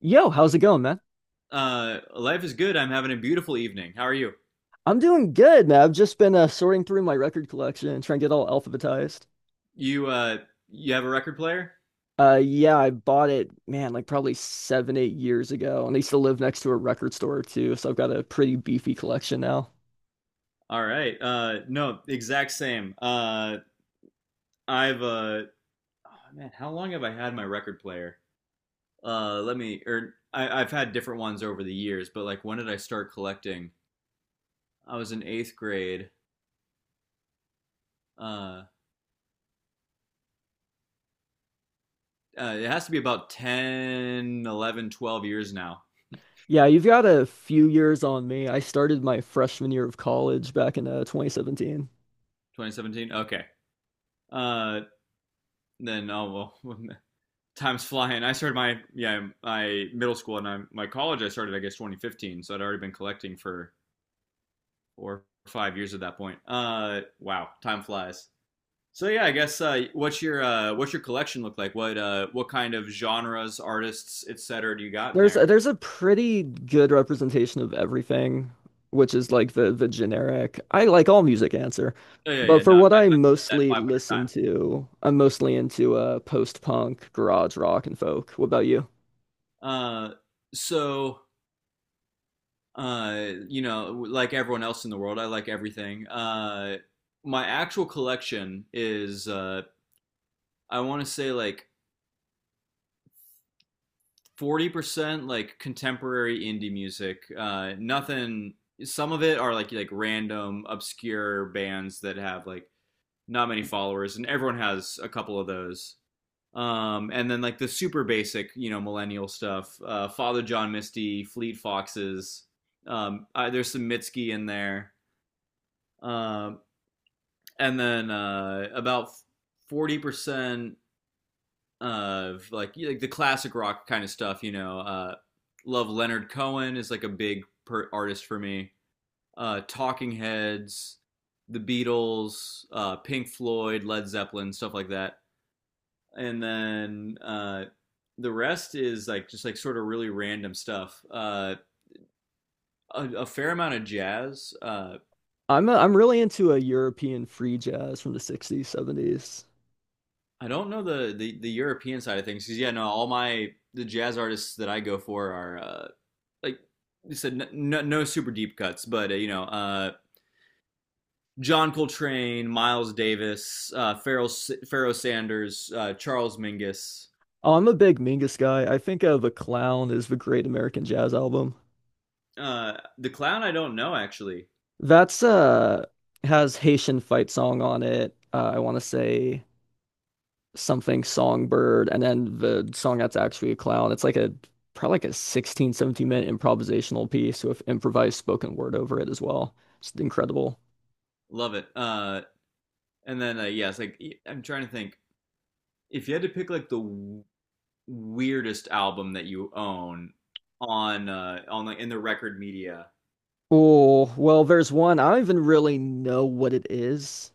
Yo, how's it going, man? Life is good. I'm having a beautiful evening. How are you? I'm doing good, man. I've just been sorting through my record collection and trying to get all alphabetized. You uh, you have a record player? Yeah, I bought it, man, like probably seven, 8 years ago, and I used to live next to a record store too, so I've got a pretty beefy collection now. All right. No, exact same. I've uh, oh, Man, how long have I had my record player? Let me, or I've had different ones over the years, but like when did I start collecting? I was in eighth grade. Uh, it has to be about 10, 11, 12 years now. Yeah, you've got a few years on me. I started my freshman year of college back in 2017. 2017. Okay. Uh, then, oh, well, time's flying. I started my, yeah, my middle school, and my college. I started, I guess, 2015, so I'd already been collecting for 4 or 5 years at that point. Wow, time flies. So yeah, I guess, what's your collection look like? What kind of genres, artists, etc. do you got in There's a, there? there's a pretty good representation of everything, which is like the generic. I like all music answer, Oh, yeah, but yeah, for no, I, what I I've said that mostly 500 listen times. to, I'm mostly into post-punk, garage rock, and folk. What about you? Uh, so like everyone else in the world, I like everything. My actual collection is, I want to say, like 40% like contemporary indie music. Nothing. Some of it are like random obscure bands that have like not many followers, and everyone has a couple of those. And then like the super basic, millennial stuff. Father John Misty, Fleet Foxes. There's some Mitski in there. Um, uh, and then, about 40% of like the classic rock kind of stuff. You know, love Leonard Cohen is like a big artist for me. Talking Heads, The Beatles, Pink Floyd, Led Zeppelin, stuff like that. And then, the rest is like just like sort of really random stuff. A fair amount of jazz. I'm really into a European free jazz from the 60s, 70s. I don't know the European side of things, because yeah, no, all my the jazz artists that I go for are, like you said, no, no super deep cuts, but, John Coltrane, Miles Davis, Pharoah Sanders, Charles Mingus, Oh, I'm a big Mingus guy. I think The Clown is the Great American Jazz Album. The Clown. I don't know actually. That's has Haitian fight song on it. I want to say something songbird, and then the song that's actually a clown, it's like a probably like a 16, 17-minute improvisational piece with improvised spoken word over it as well. It's incredible. Love it. And then Yes, yeah, like I'm trying to think. If you had to pick like the weirdest album that you own, on, like, in the record media. Oh well, there's one I don't even really know what it is.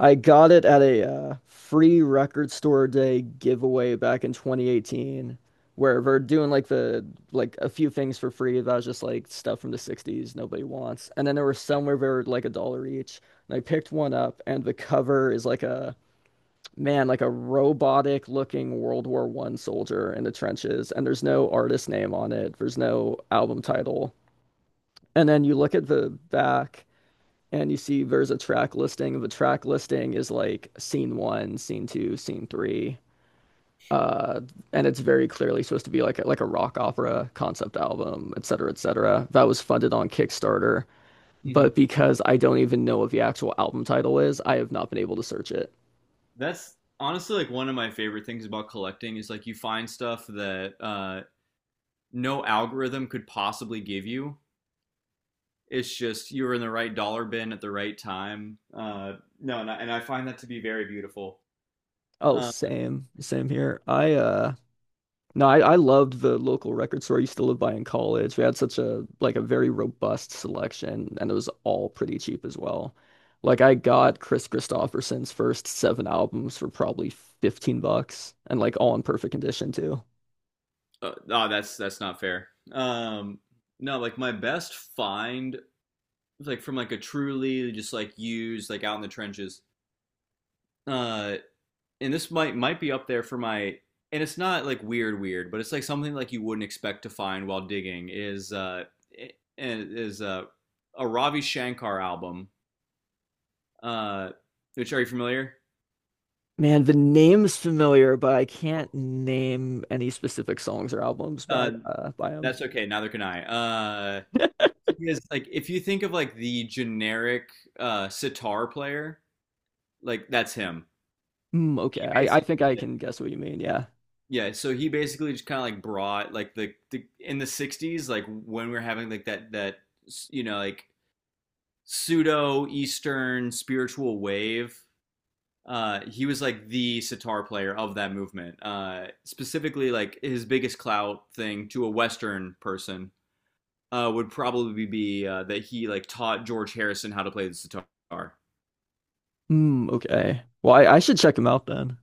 I got it at a free record store day giveaway back in 2018, where we're doing like the like a few things for free that was just like stuff from the 60s nobody wants, and then there were some where they were like a dollar each, and I picked one up, and the cover is like a man like a robotic looking World War One soldier in the trenches, and there's no artist name on it, there's no album title, and then you look at the back and you see there's a track listing. The track listing is like scene one, scene two, scene three. Uh, and it's very clearly supposed to be like a rock opera concept album, et cetera, et cetera. That was funded on Kickstarter, Mhm. but because I don't even know what the actual album title is, I have not been able to search it. That's honestly like one of my favorite things about collecting is, like, you find stuff that no algorithm could possibly give you. It's just you were in the right dollar bin at the right time. No, and I find that to be very beautiful. Oh, Um, same, same here. I no, I loved the local record store I used to live by in college. We had such a like a very robust selection and it was all pretty cheap as well. Like I got Chris Christopherson's first seven albums for probably 15 bucks and like all in perfect condition too. Oh, that's not fair. No, like my best find, like from like a truly just like used, like, out in the trenches. Uh, and this might be up there for my, and it's not like weird weird, but it's like something like you wouldn't expect to find while digging is, is uh, a Ravi Shankar album, uh, which, are you familiar? Man, the name's familiar, but I can't name any specific songs or albums by Uh, by him. that's okay. Neither can I. Uh, he is, like, if you think of, like, the generic sitar player, like, that's him. Hmm, okay. He I basically, think I like, can guess what you mean, yeah. yeah. So he basically just kind of like brought like the in the '60s, like when we are having like that you know like pseudo Eastern spiritual wave. He was like the sitar player of that movement. Specifically, like his biggest clout thing to a Western person would probably be, that he like taught George Harrison how to play the sitar. Hmm, okay. Well, I should check him out then.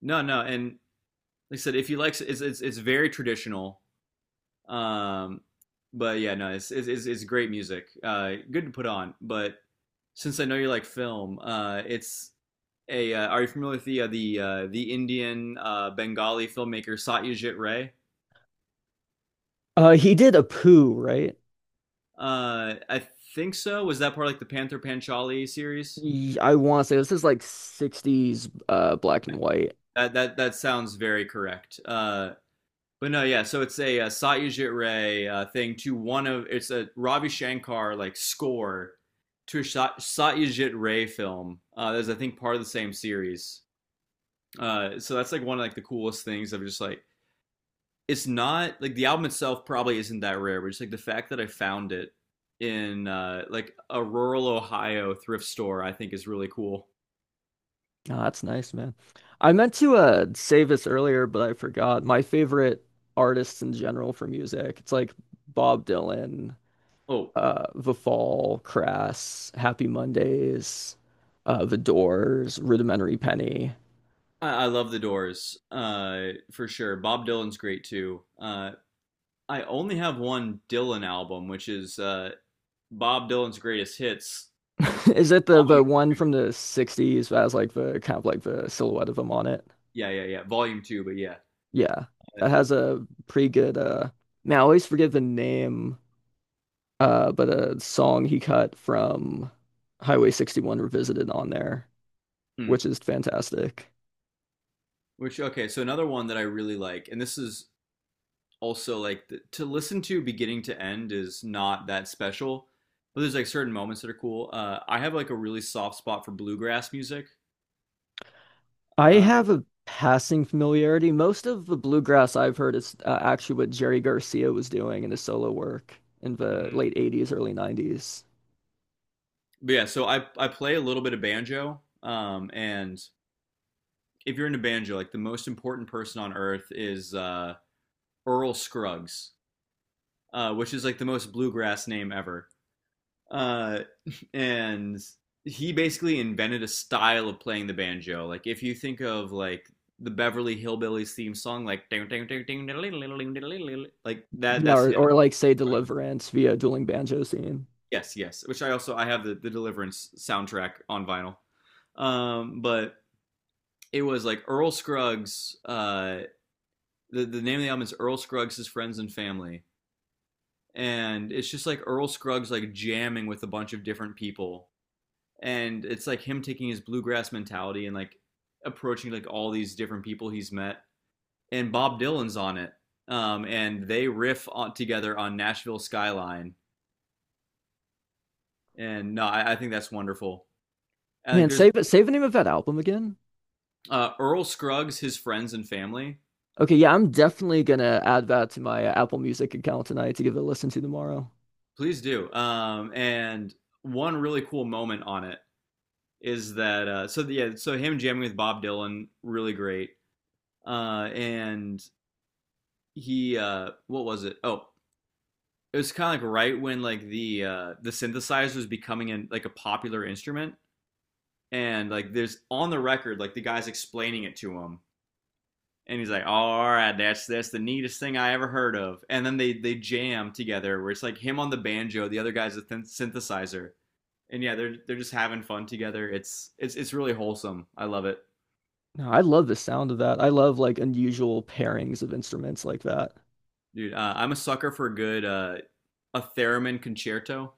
No, no, and like I said, if you like, it's very traditional. Um, but yeah, no, great music. Good to put on. But since I know you like film, it's a. Are you familiar with the Indian, Bengali filmmaker Satyajit Ray? Uh, he did a poo, right? I think so. Was that part of, like, the Panther Panchali series? I want to say this is like 60s black and white. That sounds very correct. But no, yeah. So Satyajit Ray, thing to one of, it's a Ravi Shankar like score to a Satyajit Ray film. That's, I think, part of the same series. So that's like one of, like, the coolest things of just like it's not like the album itself probably isn't that rare, but just like the fact that I found it in, like a rural Ohio thrift store, I think is really cool. Oh, that's nice, man. I meant to say this earlier, but I forgot. My favorite artists in general for music. It's like Bob Dylan, Oh, The Fall, Crass, Happy Mondays, The Doors, Rudimentary Penny. I love the Doors, for sure. Bob Dylan's great too. I only have one Dylan album, which is, Bob Dylan's Greatest Hits, Is it the Volume one Two. from the 60s that has like the kind of like the silhouette of him on it? Yeah, yeah, yeah, Volume 2. But yeah. Yeah. Uh, That has a pretty good man, I always forget the name but a song he cut from Highway 61 Revisited on there, hmm. which is fantastic. Which, okay. So another one that I really like, and this is also like to listen to beginning to end is not that special, but there's like certain moments that are cool. I have like a really soft spot for bluegrass music. I Uh, have a passing familiarity. Most of the bluegrass I've heard is actually what Jerry Garcia was doing in his solo work in the late mm-hmm. 80s, early 90s. But yeah, so I play a little bit of banjo. And if you're into banjo, like the most important person on earth is, Earl Scruggs. Which is like the most bluegrass name ever. Uh, and he basically invented a style of playing the banjo. Like if you think of like the Beverly Hillbillies theme song, like ding, ding, ding, ding, diddle, diddle, diddle, diddle, diddle, diddle, like that. Yeah, That's it. or like say Deliverance via Dueling Banjo Scene. Yes, yes. Which I also I have the Deliverance soundtrack on vinyl. But it was like Earl Scruggs. The name of the album is Earl Scruggs' His Friends and Family, and it's just like Earl Scruggs like jamming with a bunch of different people, and it's like him taking his bluegrass mentality and like approaching like all these different people he's met, and Bob Dylan's on it. And they riff on, together, on Nashville Skyline. And no, I think that's wonderful. I Man, think there's save it, save the name of that album again. Earl Scruggs His Friends and Family. Okay, yeah, I'm definitely gonna add that to my Apple Music account tonight to give it a listen to tomorrow. Please do. And one really cool moment on it is that, yeah, so him jamming with Bob Dylan, really great. And he, what was it, oh, it was kind of like right when like the synthesizer was becoming like a popular instrument. And like there's on the record, like the guy's explaining it to him, and he's like, oh, all right, that's the neatest thing I ever heard of. And then they jam together, where it's like him on the banjo, the other guy's a synthesizer. And yeah, they're just having fun together. It's really wholesome. I love it. No, I love the sound of that. I love like unusual pairings of instruments like that. Dude, I'm a sucker for a good, a theremin concerto.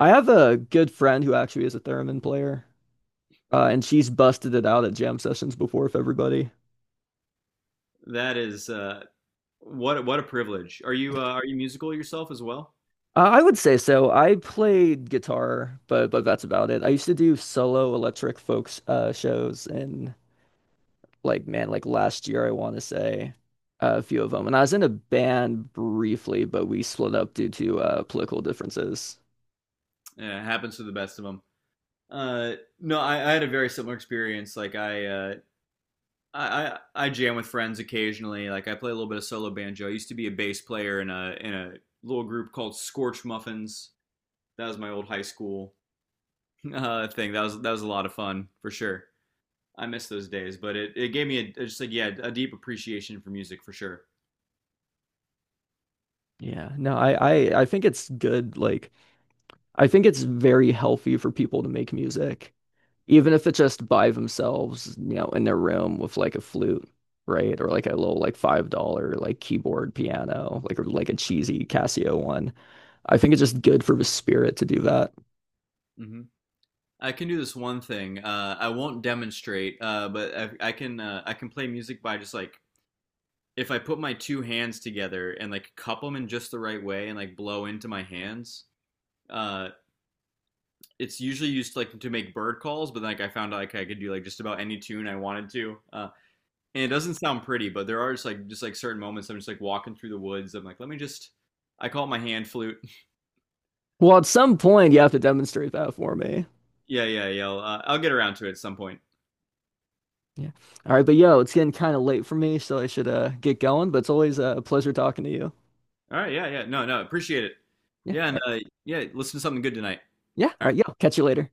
I have a good friend who actually is a theremin player, and she's busted it out at jam sessions before with everybody. That is, what a privilege. Are you musical yourself as well? I would say so. I played guitar, but that's about it. I used to do solo electric folk shows, and like man, like last year I want to say a few of them. And I was in a band briefly, but we split up due to political differences. Yeah, it happens to the best of them. Uh, no, I had a very similar experience. Like I, I jam with friends occasionally. Like I play a little bit of solo banjo. I used to be a bass player in a little group called Scorch Muffins. That was my old high school. Thing. That was a lot of fun for sure. I miss those days, but it gave me a, just like, yeah, a deep appreciation for music for sure. Yeah, no, I, I think it's good like. I think it's very healthy for people to make music, even if it's just by themselves, you know, in their room with like a flute, right? Or like a little like $5 like keyboard piano, like or like a cheesy Casio one. I think it's just good for the spirit to do that. Mm-hmm. I can do this one thing. I won't demonstrate, but I can play music by just like, if I put my two hands together and like cup them in just the right way and like blow into my hands. uh, it's usually used like to make bird calls. But like I found out like I could do like just about any tune I wanted to, and it doesn't sound pretty. But there are just like certain moments I'm just like walking through the woods. I'm like, let me just. I call it my hand flute. Well, at some point you have to demonstrate that for me. Yeah, yeah, yeah. I'll get around to it at some point. Yeah. All right, but yo, it's getting kind of late for me, so I should get going, but it's always a pleasure talking to you. All right. Yeah, yeah. No, no. Appreciate it. Yeah. Yeah, All and, right. Yeah. Listen to something good tonight. Yeah. All All right, right. yo. Catch you later.